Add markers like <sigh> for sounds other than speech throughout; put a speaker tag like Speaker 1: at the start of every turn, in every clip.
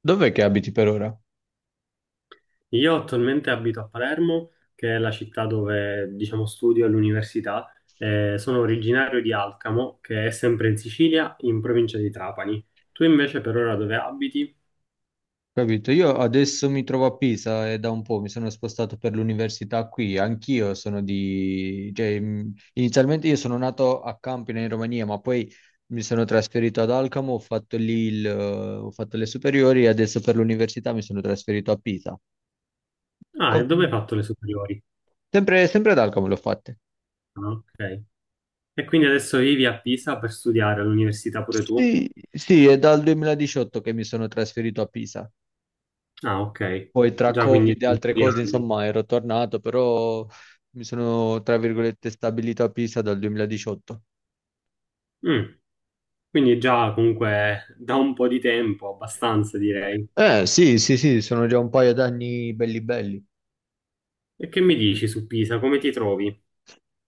Speaker 1: Dov'è che abiti per ora?
Speaker 2: Io attualmente abito a Palermo, che è la città dove, diciamo, studio all'università. Sono originario di Alcamo, che è sempre in Sicilia, in provincia di Trapani. Tu invece per ora dove abiti?
Speaker 1: Capito? Io adesso mi trovo a Pisa e da un po' mi sono spostato per l'università qui. Anch'io sono di... cioè, inizialmente io sono nato a Campina in Romania, ma poi mi sono trasferito ad Alcamo, ho fatto le superiori e adesso per l'università mi sono trasferito a Pisa.
Speaker 2: Ah, e dove hai
Speaker 1: Come-
Speaker 2: fatto le superiori?
Speaker 1: sempre ad Alcamo l'ho fatte.
Speaker 2: Ah, ok. E quindi adesso vivi a Pisa per studiare all'università pure tu?
Speaker 1: Sì, sì, è dal 2018 che mi sono trasferito a Pisa.
Speaker 2: Ah, ok.
Speaker 1: Poi tra
Speaker 2: Già quindi
Speaker 1: Covid e altre
Speaker 2: due
Speaker 1: cose,
Speaker 2: anni.
Speaker 1: insomma, ero tornato, però mi sono, tra virgolette, stabilito a Pisa dal 2018.
Speaker 2: Mm, Quindi già comunque da un po' di tempo, abbastanza direi.
Speaker 1: Eh sì, sì, sì, sono già un paio d'anni belli belli.
Speaker 2: E che mi dici su Pisa? Come ti trovi?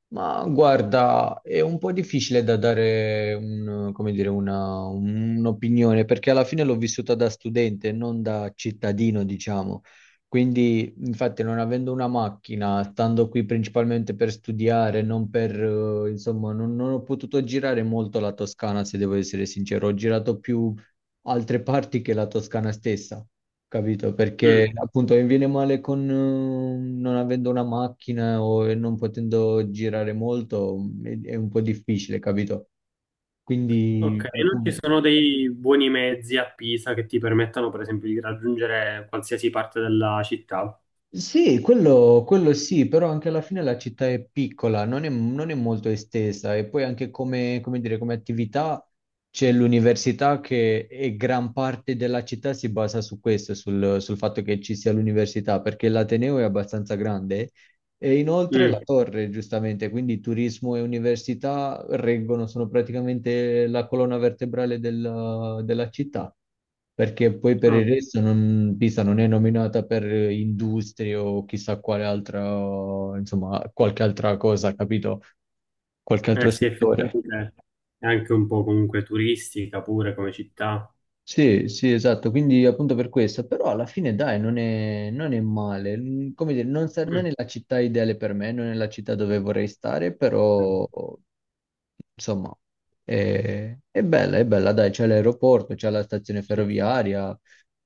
Speaker 1: Ma guarda, è un po' difficile da dare come dire, un'opinione perché alla fine l'ho vissuta da studente, non da cittadino, diciamo. Quindi, infatti, non avendo una macchina, stando qui principalmente per studiare, non per, insomma, non ho potuto girare molto la Toscana, se devo essere sincero. Ho girato più altre parti che la Toscana stessa. Capito?
Speaker 2: Mm.
Speaker 1: Perché appunto mi viene male con non avendo una macchina o non potendo girare molto, è un po' difficile, capito? Quindi
Speaker 2: Ok, e non ci
Speaker 1: appunto
Speaker 2: sono dei buoni mezzi a Pisa che ti permettano, per esempio, di raggiungere qualsiasi parte della città.
Speaker 1: sì, quello sì, però anche alla fine la città è piccola, non è molto estesa e poi anche come, come dire, come attività c'è l'università che gran parte della città si basa su questo, sul fatto che ci sia l'università, perché l'Ateneo è abbastanza grande. E inoltre la
Speaker 2: Mm.
Speaker 1: torre, giustamente, quindi turismo e università reggono, sono praticamente la colonna vertebrale della città, perché poi per
Speaker 2: Ah,
Speaker 1: il resto Pisa non è nominata per industrie o chissà quale altra, insomma, qualche altra cosa, capito? Qualche
Speaker 2: eh
Speaker 1: altro
Speaker 2: sì,
Speaker 1: settore.
Speaker 2: effettivamente è anche un po' comunque turistica pure come città.
Speaker 1: Sì, sì, esatto, quindi appunto per questo, però alla fine dai, non è male. Mm, come dire, non, non
Speaker 2: Mm.
Speaker 1: è la città ideale per me, non è la città dove vorrei stare, però insomma è bella, dai, c'è l'aeroporto, c'è la stazione
Speaker 2: Ci-
Speaker 1: ferroviaria,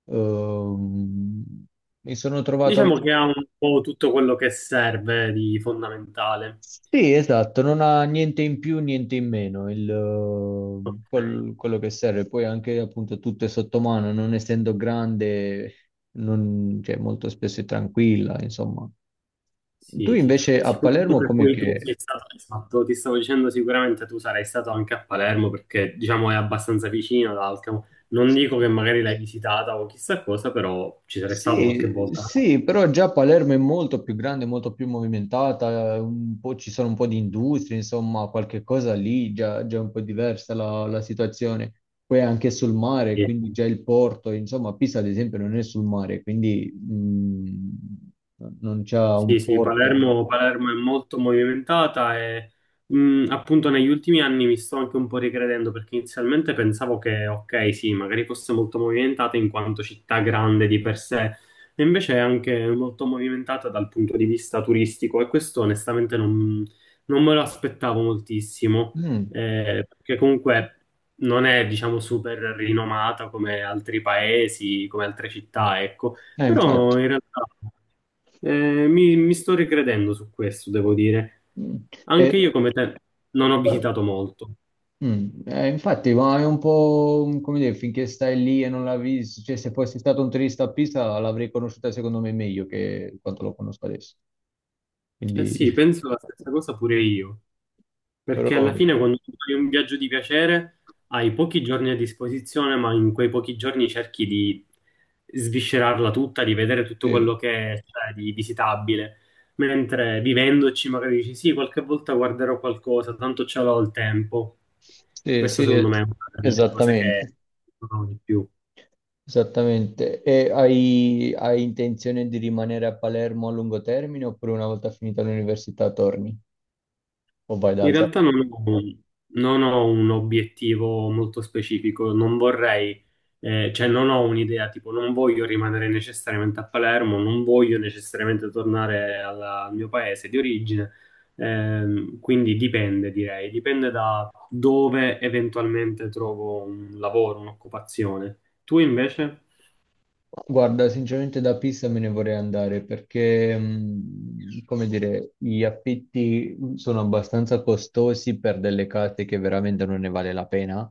Speaker 1: ehm, mi sono trovato.
Speaker 2: Diciamo che ha un po' tutto quello che serve di fondamentale.
Speaker 1: Sì, esatto, non ha niente in più, niente in meno,
Speaker 2: Ok.
Speaker 1: quello che serve. Poi anche appunto tutto è sotto mano, non essendo grande, cioè, molto spesso è tranquilla, insomma. Tu
Speaker 2: Sì, sì.
Speaker 1: invece a
Speaker 2: Sicuramente
Speaker 1: Palermo
Speaker 2: per
Speaker 1: come
Speaker 2: cui tu
Speaker 1: che...
Speaker 2: sei stato, esatto, ti stavo dicendo sicuramente tu sarai stato anche a Palermo perché diciamo è abbastanza vicino ad Alcamo. Non dico che magari l'hai visitata o chissà cosa, però ci sarei stato qualche
Speaker 1: Sì,
Speaker 2: volta.
Speaker 1: sì, però già Palermo è molto più grande, molto più movimentata, un po' ci sono un po' di industrie, insomma, qualche cosa lì già, già è un po' diversa la situazione. Poi anche sul mare,
Speaker 2: Sì.
Speaker 1: quindi già il porto, insomma, Pisa ad esempio non è sul mare, quindi non c'ha
Speaker 2: Sì,
Speaker 1: un
Speaker 2: sì,
Speaker 1: porto.
Speaker 2: Palermo, Palermo è molto movimentata e appunto negli ultimi anni mi sto anche un po' ricredendo perché inizialmente pensavo che, ok, sì, magari fosse molto movimentata in quanto città grande di per sé, e invece è anche molto movimentata dal punto di vista turistico e questo onestamente non me lo aspettavo moltissimo,
Speaker 1: Mm,
Speaker 2: perché comunque non è, diciamo, super rinomata come altri paesi, come altre città, ecco. Però
Speaker 1: infatti.
Speaker 2: in realtà mi sto ricredendo su questo, devo dire.
Speaker 1: Mm.
Speaker 2: Anche
Speaker 1: E-
Speaker 2: io come te non ho
Speaker 1: eh,
Speaker 2: visitato molto.
Speaker 1: Mm, infatti, ma è un po' come dire, finché stai lì e non la vedi, cioè se fossi stato un turista a Pisa l'avrei conosciuta secondo me meglio che quanto lo conosco adesso.
Speaker 2: Eh
Speaker 1: Quindi,
Speaker 2: sì,
Speaker 1: <laughs>
Speaker 2: penso la stessa cosa pure io. Perché
Speaker 1: però,
Speaker 2: alla fine quando tu fai un viaggio di piacere hai pochi giorni a disposizione, ma in quei pochi giorni cerchi di sviscerarla tutta, di vedere tutto
Speaker 1: sì,
Speaker 2: quello che c'è di visitabile. Mentre vivendoci magari dici sì, qualche volta guarderò qualcosa, tanto ce l'ho il tempo.
Speaker 1: sì,
Speaker 2: Questa
Speaker 1: sì,
Speaker 2: secondo me è una delle cose che
Speaker 1: esattamente,
Speaker 2: sono di più.
Speaker 1: esattamente. E hai, hai intenzione di rimanere a Palermo a lungo termine oppure una volta finita l'università torni o vai da
Speaker 2: In
Speaker 1: altra
Speaker 2: realtà
Speaker 1: parte?
Speaker 2: non ho un obiettivo molto specifico, non vorrei, cioè non ho un'idea, tipo non voglio rimanere necessariamente a Palermo, non voglio necessariamente tornare al mio paese di origine, quindi dipende, direi, dipende da dove eventualmente trovo un lavoro, un'occupazione. Tu invece?
Speaker 1: Guarda, sinceramente da Pisa me ne vorrei andare perché, come dire, gli affitti sono abbastanza costosi per delle case che veramente non ne vale la pena.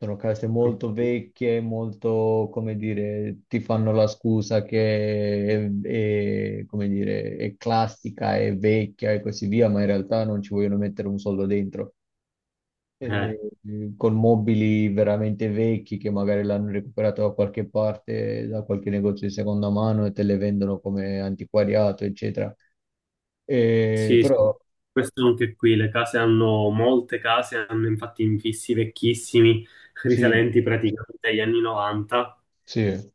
Speaker 1: Sono case
Speaker 2: Ok.
Speaker 1: molto vecchie, molto, come dire, ti fanno la scusa che è, come dire, è classica, è vecchia e così via, ma in realtà non ci vogliono mettere un soldo dentro
Speaker 2: Eh.
Speaker 1: eh, con mobili veramente vecchi che magari l'hanno recuperato da qualche parte, da qualche negozio di seconda mano e te le vendono come antiquariato, eccetera.
Speaker 2: Sì, sì.
Speaker 1: Però
Speaker 2: Questo anche qui, molte case hanno infatti infissi vecchissimi,
Speaker 1: sì,
Speaker 2: risalenti praticamente agli anni 90,
Speaker 1: sì.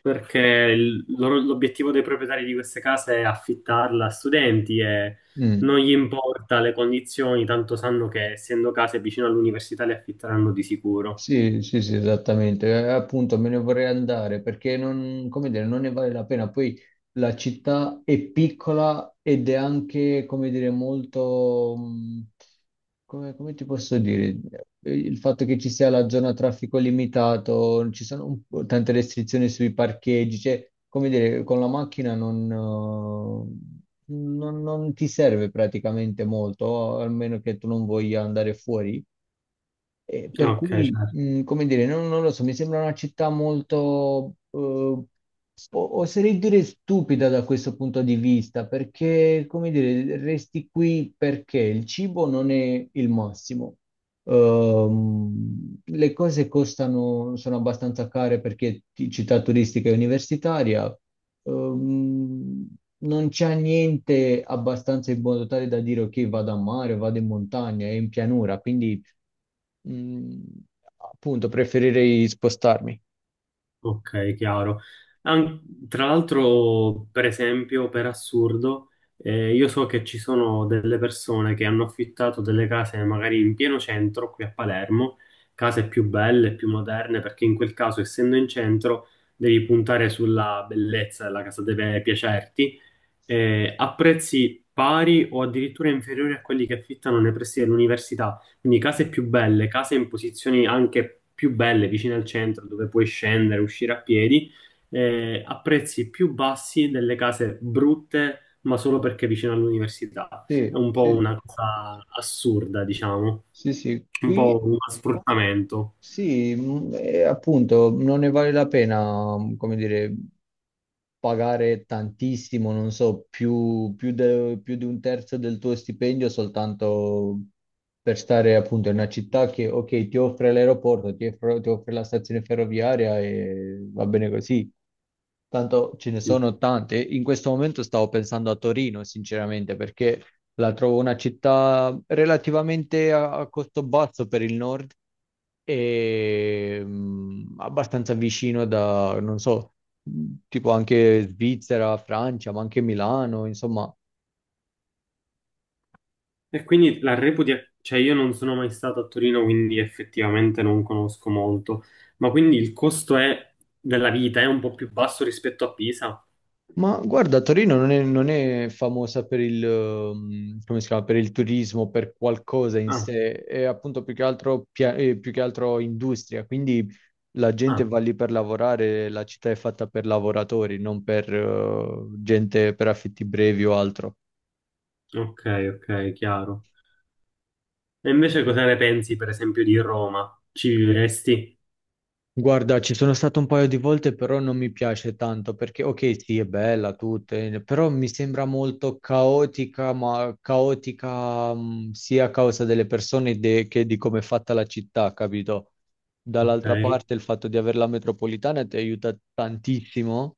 Speaker 2: perché l'obiettivo dei proprietari di queste case è affittarla a studenti e
Speaker 1: Mm.
Speaker 2: non gli importa le condizioni, tanto sanno che essendo case vicino all'università le affitteranno di sicuro.
Speaker 1: Sì, sì, sì, esattamente. Appunto, me ne vorrei andare perché non, come dire, non ne vale la pena. Poi la città è piccola ed è anche, come dire, molto, come, come ti posso dire? Il fatto che ci sia la zona a traffico limitato, ci sono un po' tante restrizioni sui parcheggi, cioè, come dire, con la macchina non, non ti serve praticamente molto, almeno che tu non voglia andare fuori. Per
Speaker 2: Ok,
Speaker 1: cui, come dire, non, non lo so, mi sembra una città molto, oserei dire stupida da questo punto di vista, perché, come dire, resti qui perché il cibo non è il massimo. Le cose costano, sono abbastanza care perché città turistica e universitaria. Ehm, non c'è niente abbastanza in modo tale da dire ok, vado a mare, vado in montagna, è in pianura, quindi mm, appunto, preferirei spostarmi.
Speaker 2: ok, chiaro. An- Tra l'altro, per esempio, per assurdo, io so che ci sono delle persone che hanno affittato delle case magari in pieno centro, qui a Palermo, case più belle, più moderne, perché in quel caso, essendo in centro, devi puntare sulla bellezza, la casa deve piacerti a prezzi pari o addirittura inferiori a quelli che affittano nei pressi dell'università. Quindi case più belle, case in posizioni anche più belle, vicine al centro, dove puoi scendere, uscire a piedi, a prezzi più bassi delle case brutte, ma solo perché vicino all'università.
Speaker 1: Sì,
Speaker 2: È un po'
Speaker 1: sì,
Speaker 2: una cosa assurda, diciamo,
Speaker 1: sì, sì,
Speaker 2: un po'
Speaker 1: qui
Speaker 2: uno sfruttamento.
Speaker 1: sì, e appunto, non ne vale la pena, come dire, pagare tantissimo, non so, più di un terzo del tuo stipendio soltanto per stare appunto in una città che, ok, ti offre l'aeroporto, ti offre la stazione ferroviaria e va bene così. Tanto ce ne sono tante. In questo momento stavo pensando a Torino, sinceramente, perché la trovo una città relativamente a costo basso per il nord e abbastanza vicino da, non so, tipo anche Svizzera, Francia, ma anche Milano, insomma.
Speaker 2: E quindi la reputi, cioè io non sono mai stato a Torino, quindi effettivamente non conosco molto, ma quindi della vita è un po' più basso rispetto a Pisa?
Speaker 1: Ma guarda, Torino non è famosa per come si chiama, per il turismo, per qualcosa in
Speaker 2: Ah,
Speaker 1: sé, è appunto più che altro, più che altro industria, quindi la gente
Speaker 2: ah,
Speaker 1: va lì per lavorare, la città è fatta per lavoratori, non per, gente per affitti brevi o altro.
Speaker 2: ok, ok, chiaro. E invece cosa ne pensi, per esempio, di Roma? Ci vivresti?
Speaker 1: Guarda, ci sono stato un paio di volte, però non mi piace tanto perché, ok, sì, è bella tutta, però mi sembra molto caotica, ma caotica, sia a causa delle persone che di come è fatta la città, capito?
Speaker 2: Ok,
Speaker 1: Dall'altra parte, il fatto di avere la metropolitana ti aiuta tantissimo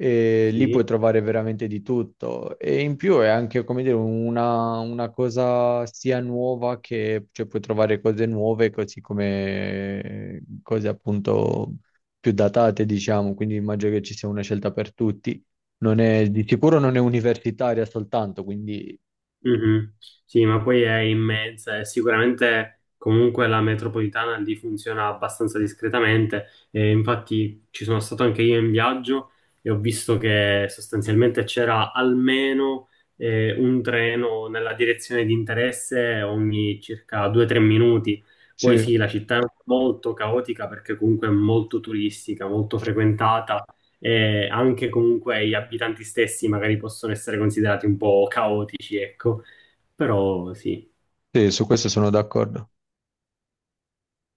Speaker 1: e lì
Speaker 2: sì.
Speaker 1: puoi trovare veramente di tutto e in più è anche come dire una cosa sia nuova che cioè, puoi trovare cose nuove così come cose appunto più datate diciamo, quindi immagino che ci sia una scelta per tutti. Non è, di sicuro non è universitaria soltanto, quindi
Speaker 2: Mhm. Sì, ma poi è immensa e sicuramente comunque la metropolitana lì funziona abbastanza discretamente. E infatti ci sono stato anche io in viaggio e ho visto che sostanzialmente c'era almeno un treno nella direzione di interesse ogni circa 2-3 minuti. Poi
Speaker 1: sì,
Speaker 2: sì, la città è molto caotica perché comunque è molto turistica, molto frequentata e anche comunque gli abitanti stessi magari possono essere considerati un po' caotici, ecco. Però sì,
Speaker 1: sì, su questo sono d'accordo.